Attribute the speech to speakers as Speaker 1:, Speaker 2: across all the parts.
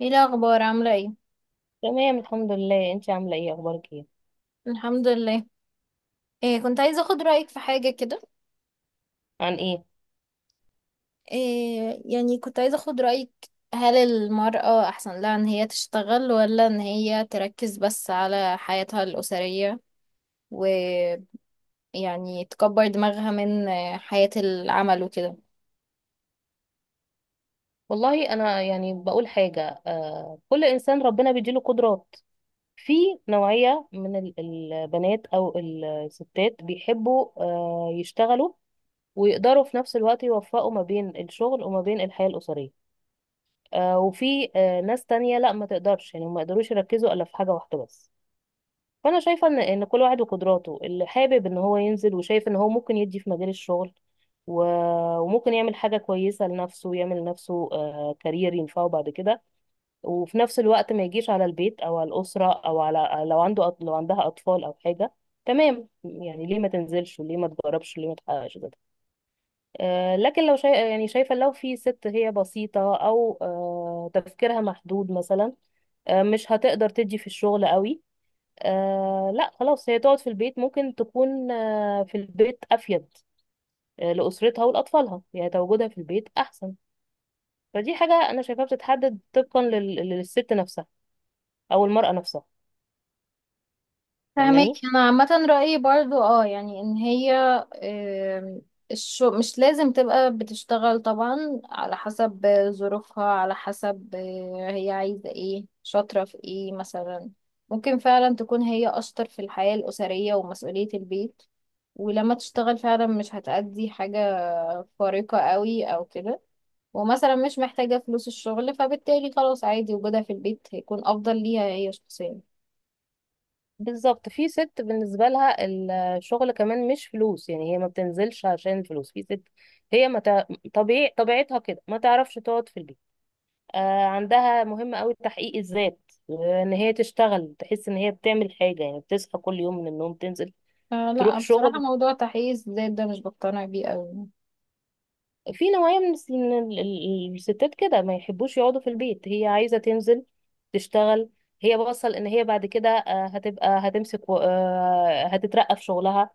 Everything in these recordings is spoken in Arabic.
Speaker 1: ايه الاخبار؟ عامله ايه؟
Speaker 2: تمام، الحمد لله. انت عامله ايه؟ اخبارك ايه؟
Speaker 1: الحمد لله. إيه، كنت عايزه اخد رايك في حاجه كده.
Speaker 2: عن ايه؟
Speaker 1: إيه؟ كنت عايزه اخد رايك. هل المراه احسن لها ان هي تشتغل، ولا ان هي تركز بس على حياتها الاسريه؟ ويعني تكبر دماغها من حياه العمل وكده.
Speaker 2: والله انا يعني بقول حاجه. كل انسان ربنا بيديله قدرات. في نوعيه من البنات او الستات بيحبوا يشتغلوا، ويقدروا في نفس الوقت يوفقوا ما بين الشغل وما بين الحياه الاسريه. وفي ناس تانية، لا، ما تقدرش يعني ما يقدروش يركزوا الا في حاجه واحده بس. فانا شايفه ان كل واحد وقدراته اللي حابب ان هو ينزل، وشايف ان هو ممكن يدي في مجال الشغل. وممكن يعمل حاجه كويسه لنفسه، يعمل لنفسه كارير ينفعه بعد كده، وفي نفس الوقت ما يجيش على البيت او على الاسره، او على لو عندها اطفال او حاجه. تمام، يعني ليه ما تنزلش وليه ما تجربش وليه ما تحققش كده؟ لكن لو يعني شايفه، لو في ست هي بسيطه او تفكيرها محدود مثلا، مش هتقدر تدي في الشغل قوي. لا، خلاص، هي تقعد في البيت، ممكن تكون في البيت أفيد، لأسرتها ولأطفالها، يعني تواجدها في البيت أحسن. فدي حاجة أنا شايفاها بتتحدد طبقا للست نفسها، أو المرأة نفسها.
Speaker 1: فهمك.
Speaker 2: فاهماني؟
Speaker 1: انا عامه رايي برضو اه، ان هي، آم، الشو مش لازم تبقى بتشتغل طبعا، على حسب ظروفها، على حسب هي عايزه ايه، شاطره في ايه مثلا. ممكن فعلا تكون هي اشطر في الحياه الاسريه ومسؤوليه البيت، ولما تشتغل فعلا مش هتأدي حاجه خارقه قوي او كده، ومثلا مش محتاجه فلوس الشغل، فبالتالي خلاص عادي، وجودها في البيت هيكون افضل ليها هي شخصيا.
Speaker 2: بالظبط، في ست بالنسبة لها الشغل كمان مش فلوس، يعني هي ما بتنزلش عشان الفلوس. في ست هي ما تع- طبيعي طبيعتها كده ما تعرفش تقعد في البيت. عندها مهم قوي تحقيق الذات، ان هي تشتغل، تحس ان هي بتعمل حاجة، يعني بتصحى كل يوم من النوم تنزل
Speaker 1: آه لا،
Speaker 2: تروح
Speaker 1: بصراحة
Speaker 2: شغل.
Speaker 1: موضوع تحقيق الذات ده مش بقتنع بيه قوي.
Speaker 2: في نوعية من الستات كده ما يحبوش يقعدوا في البيت، هي عايزة تنزل تشتغل. هي بوصل ان هي بعد كده هتبقى هتمسك، هتترقى في شغلها.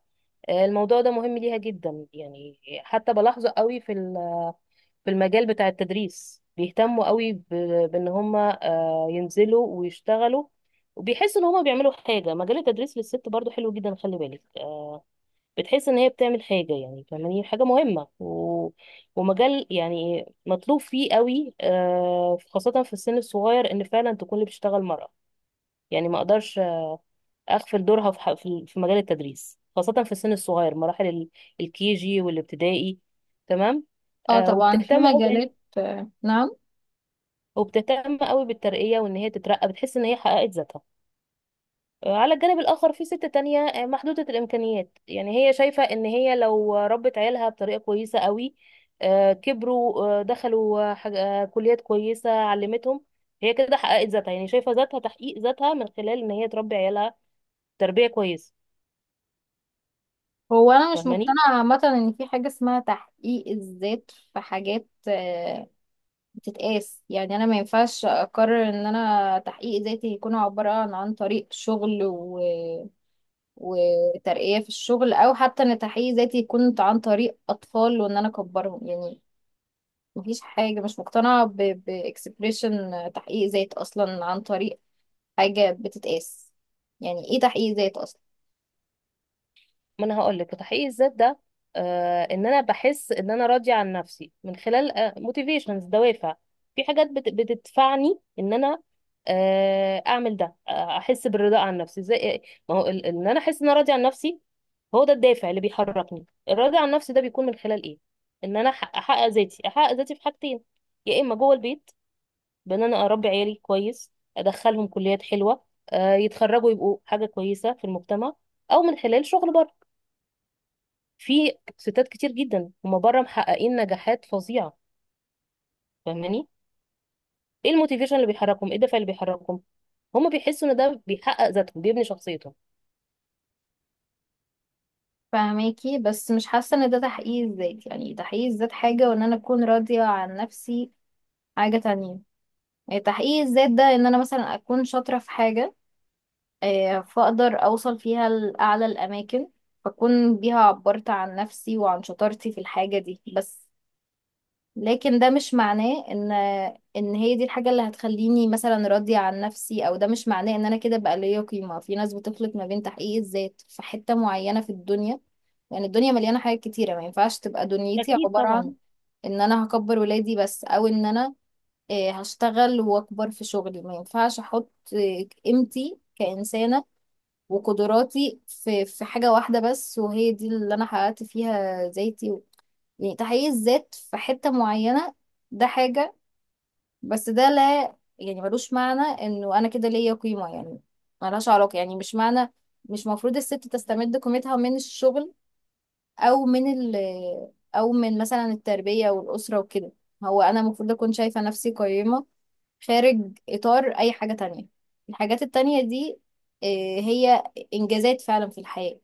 Speaker 2: الموضوع ده مهم ليها جدا، يعني. حتى بلاحظه قوي في المجال بتاع التدريس، بيهتموا قوي بان هم ينزلوا ويشتغلوا، وبيحسوا ان هم بيعملوا حاجة. مجال التدريس للست برضو حلو جدا، خلي بالك. بتحس ان هي بتعمل حاجه، يعني فاهماني، حاجه مهمه. ومجال يعني مطلوب فيه قوي، خاصه في السن الصغير ان فعلا تكون اللي بتشتغل مرأة. يعني ما اقدرش اغفل دورها في مجال التدريس، خاصه في السن الصغير، مراحل الكي جي والابتدائي. تمام.
Speaker 1: اه طبعا، في
Speaker 2: وبتهتم قوي،
Speaker 1: مجالات، آه نعم.
Speaker 2: وبتهتم قوي بالترقيه، وان هي تترقى بتحس ان هي حققت ذاتها. على الجانب الآخر في ست تانية محدودة الإمكانيات، يعني هي شايفة إن هي لو ربت عيالها بطريقة كويسة قوي، كبروا، دخلوا، كليات كويسة، علمتهم. هي كده حققت ذاتها، يعني شايفة ذاتها، تحقيق ذاتها من خلال إن هي تربي عيالها تربية كويسة.
Speaker 1: هو انا مش
Speaker 2: فاهماني؟
Speaker 1: مقتنعة عامة ان في حاجة اسمها تحقيق الذات في حاجات بتتقاس. يعني انا ما ينفعش اقرر ان انا تحقيق ذاتي يكون عبارة عن طريق شغل وترقية في الشغل، او حتى ان تحقيق ذاتي يكون عن طريق اطفال وان انا اكبرهم. يعني مفيش حاجة، مش مقتنعة بإكسبريشن تحقيق ذات أصلا عن طريق حاجة بتتقاس. يعني ايه تحقيق ذات اصلا؟
Speaker 2: ما انا هقول لك، تحقيق الذات ده، ان انا بحس ان انا راضيه عن نفسي من خلال موتيفيشنز، دوافع. في حاجات بتدفعني ان انا اعمل ده، احس بالرضا عن نفسي، زي ما هو ان انا احس ان انا راضيه عن نفسي. هو ده الدافع اللي بيحركني. الرضا عن نفسي ده بيكون من خلال ايه؟ ان انا احقق ذاتي، احقق ذاتي في حاجتين. يا اما جوه البيت، بان انا اربي عيالي كويس، ادخلهم كليات حلوه، يتخرجوا، يبقوا حاجه كويسه في المجتمع، او من خلال شغل بره. في ستات كتير جدا هما بره محققين نجاحات فظيعه. فاهماني؟ ايه الموتيفيشن اللي بيحركهم؟ ايه الدافع اللي بيحركهم؟ هما بيحسوا ان ده بيحقق ذاتهم، بيبني شخصيتهم.
Speaker 1: فهماكي، بس مش حاسة ان ده تحقيق الذات. يعني تحقيق الذات حاجة، وان انا اكون راضية عن نفسي حاجة تانية. يعني تحقيق الذات ده ان انا مثلا اكون شاطرة في حاجة، فاقدر اوصل فيها لأعلى الاماكن، فاكون بيها عبرت عن نفسي وعن شطارتي في الحاجة دي بس. لكن ده مش معناه ان هي دي الحاجة اللي هتخليني مثلا راضية عن نفسي، او ده مش معناه ان انا كده بقى ليا قيمة. في ناس بتخلط ما بين تحقيق الذات في حتة معينة في الدنيا. يعني الدنيا مليانة حاجات كتيرة، ما ينفعش تبقى دنيتي
Speaker 2: اكيد
Speaker 1: عبارة
Speaker 2: طبعا.
Speaker 1: عن ان انا هكبر ولادي بس، او ان انا هشتغل واكبر في شغلي. ما ينفعش احط قيمتي كإنسانة وقدراتي في حاجة واحدة بس، وهي دي اللي انا حققت فيها ذاتي. يعني تحقيق الذات في حتة معينة ده حاجة، بس ده لا يعني، ملوش معنى انه انا كده ليا قيمة. يعني ملهاش علاقة، يعني مش معنى، مش مفروض الست تستمد قيمتها من الشغل او من ال او من مثلا التربية والأسرة وكده. هو انا المفروض اكون شايفة نفسي قيمة خارج اطار اي حاجة تانية. الحاجات التانية دي، آه، هي انجازات فعلا في الحياة.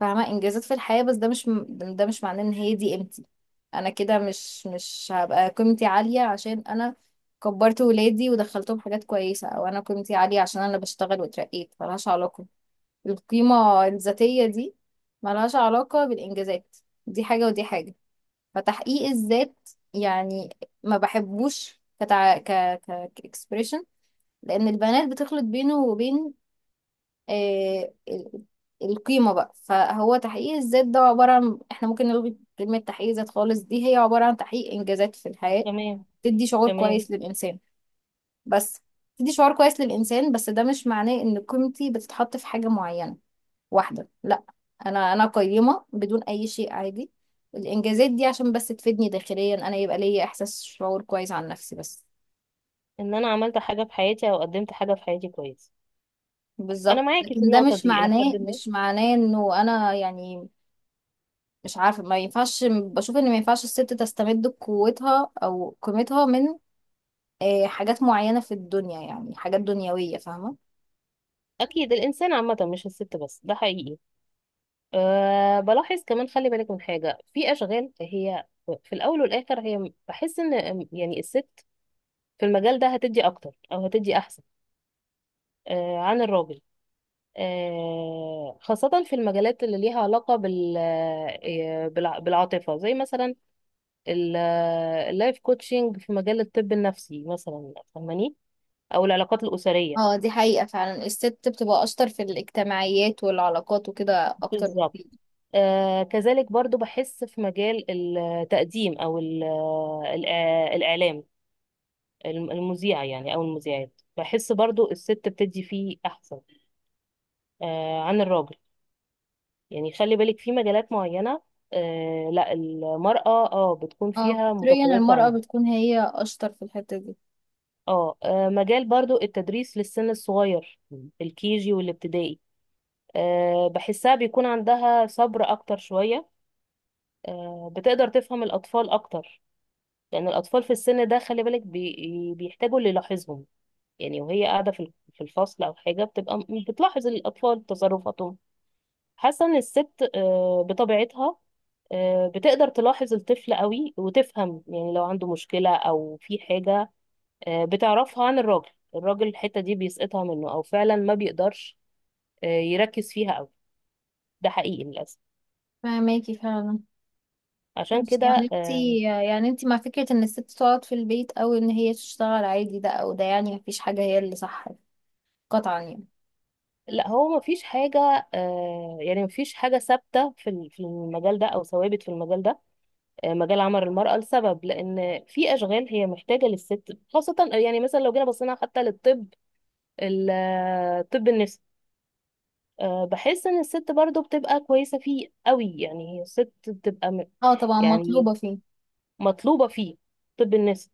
Speaker 1: فاهمة، انجازات في الحياة، بس ده مش، ده مش معناه ان هي دي قيمتي. انا كده مش هبقى قيمتي عالية عشان انا كبرت ولادي ودخلتهم حاجات كويسة، او انا قيمتي عالية عشان انا بشتغل واترقيت. ملهاش علاقة. القيمة الذاتية دي ملهاش علاقة بالانجازات. دي حاجة ودي حاجة. فتحقيق الذات، يعني، ما بحبوش كتع... ك ك كاكسبريشن، لان البنات بتخلط بينه وبين آه، ال- القيمة بقى. فهو تحقيق الذات ده عبارة عن، احنا ممكن نلغي كلمة تحقيق ذات خالص، دي هي عبارة عن تحقيق إنجازات في الحياة،
Speaker 2: تمام،
Speaker 1: تدي شعور
Speaker 2: تمام.
Speaker 1: كويس للإنسان بس. تدي شعور كويس للإنسان، بس ده مش معناه إن قيمتي بتتحط في حاجة معينة واحدة. لا، أنا أنا قيمة بدون أي شيء، عادي. الإنجازات دي عشان بس تفيدني داخليا أنا، يبقى ليا إحساس، شعور كويس عن نفسي بس.
Speaker 2: ان انا عملت حاجه في حياتي او قدمت حاجه في حياتي كويس. انا
Speaker 1: بالظبط،
Speaker 2: معاكي في
Speaker 1: لكن ده
Speaker 2: النقطه
Speaker 1: مش
Speaker 2: دي الى
Speaker 1: معناه،
Speaker 2: حد ما.
Speaker 1: مش معناه إنه أنا يعني، مش عارفة، ما ينفعش، بشوف ان ما ينفعش الست تستمد قوتها او قيمتها من حاجات معينة في الدنيا، يعني حاجات دنيوية، فاهمة.
Speaker 2: اكيد، الانسان عامه مش الست بس، ده حقيقي. بلاحظ كمان، خلي بالك من حاجه، في اشغال هي في الاول والاخر، هي بحس ان، يعني، الست في المجال ده هتدي اكتر او هتدي احسن، عن الراجل، خاصة في المجالات اللي ليها علاقة بالعاطفة، زي مثلا اللايف كوتشنج، في مجال الطب النفسي مثلا، فاهماني؟ أو العلاقات الأسرية.
Speaker 1: اه دي حقيقة فعلا، الست بتبقى اشطر في الاجتماعيات والعلاقات وكده اكتر.
Speaker 2: بالظبط. كذلك برضو بحس في مجال التقديم، أو الإعلام، المذيع، يعني، أو المذيعات، بحس برضو الست بتدي فيه أحسن، عن الراجل. يعني خلي بالك، في مجالات معينة، لا، المرأة بتكون
Speaker 1: اه
Speaker 2: فيها
Speaker 1: فطريا
Speaker 2: متفوقة
Speaker 1: المرأة
Speaker 2: عنه.
Speaker 1: بتكون هي اشطر في الحتة دي.
Speaker 2: مجال برضو التدريس للسن الصغير، الكيجي والابتدائي. بحسها بيكون عندها صبر أكتر شوية، بتقدر تفهم الأطفال أكتر. لأن الأطفال في السن ده، خلي بالك، بيحتاجوا اللي يلاحظهم، يعني، وهي قاعدة في الفصل أو حاجة، بتبقى بتلاحظ الأطفال، تصرفاتهم. حاسه ان الست بطبيعتها بتقدر تلاحظ الطفل قوي وتفهم، يعني لو عنده مشكله او في حاجه، بتعرفها عن الراجل. الراجل الحته دي بيسقطها منه، او فعلا ما بيقدرش يركز فيها قوي. ده حقيقي للاسف.
Speaker 1: فاهماكي فعلا.
Speaker 2: عشان
Speaker 1: ماشي، يعني
Speaker 2: كده،
Speaker 1: انتي، يعني انتي مع فكرة ان الست تقعد في البيت او ان هي تشتغل عادي ده او ده، يعني مفيش حاجة هي اللي صح قطعا يعني.
Speaker 2: لا، هو ما فيش حاجه، يعني ما فيش حاجه ثابته في المجال ده، او ثوابت في المجال ده. مجال عمل المراه، لسبب، لان في اشغال هي محتاجه للست خاصه، يعني مثلا لو جينا بصينا حتى للطب، الطب النفسي. بحس ان الست برضو بتبقى كويسة فيه قوي، يعني هي الست بتبقى،
Speaker 1: اه طبعا
Speaker 2: يعني
Speaker 1: مطلوبة فيه.
Speaker 2: مطلوبة فيه، طب النفسي،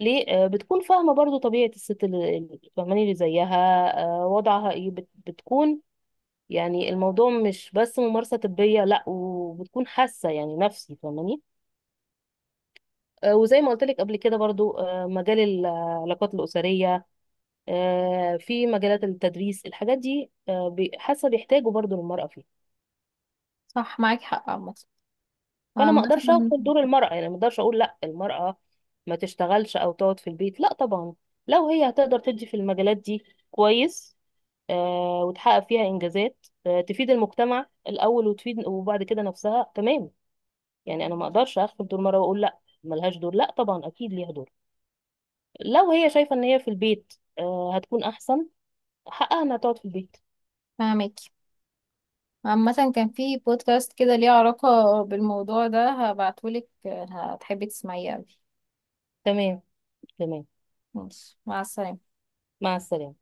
Speaker 2: ليه؟ بتكون فاهمة برضو طبيعة الست اللي، فاهماني، اللي زيها، وضعها ايه، بتكون، يعني الموضوع مش بس ممارسة طبية، لا، وبتكون حاسة، يعني نفسي، فاهماني؟ وزي ما قلت لك قبل كده برضو، مجال العلاقات الأسرية، في مجالات التدريس، الحاجات دي، حاسة بيحتاجوا برضو للمرأة فيها.
Speaker 1: صح، معاكي حق عامة،
Speaker 2: فانا ما
Speaker 1: عامة.
Speaker 2: اقدرش اغفل دور المرأة، يعني ما اقدرش اقول لا، المرأة ما تشتغلش او تقعد في البيت، لا طبعا. لو هي هتقدر تدي في المجالات دي، كويس، وتحقق فيها انجازات، تفيد المجتمع الاول، وتفيد، وبعد كده نفسها، تمام. يعني انا ما اقدرش اغفل دور المرأة واقول لا، ملهاش دور. لا طبعا، اكيد ليها دور. لو هي شايفة ان هي في البيت هتكون احسن، حقها انها تقعد في البيت.
Speaker 1: فاهمك. عامة كان في بودكاست كده ليه علاقة بالموضوع ده، هبعتهولك، هتحبي تسمعيه أوي.
Speaker 2: تمام، تمام.
Speaker 1: ماشي، مع السلامة.
Speaker 2: مع السلامة.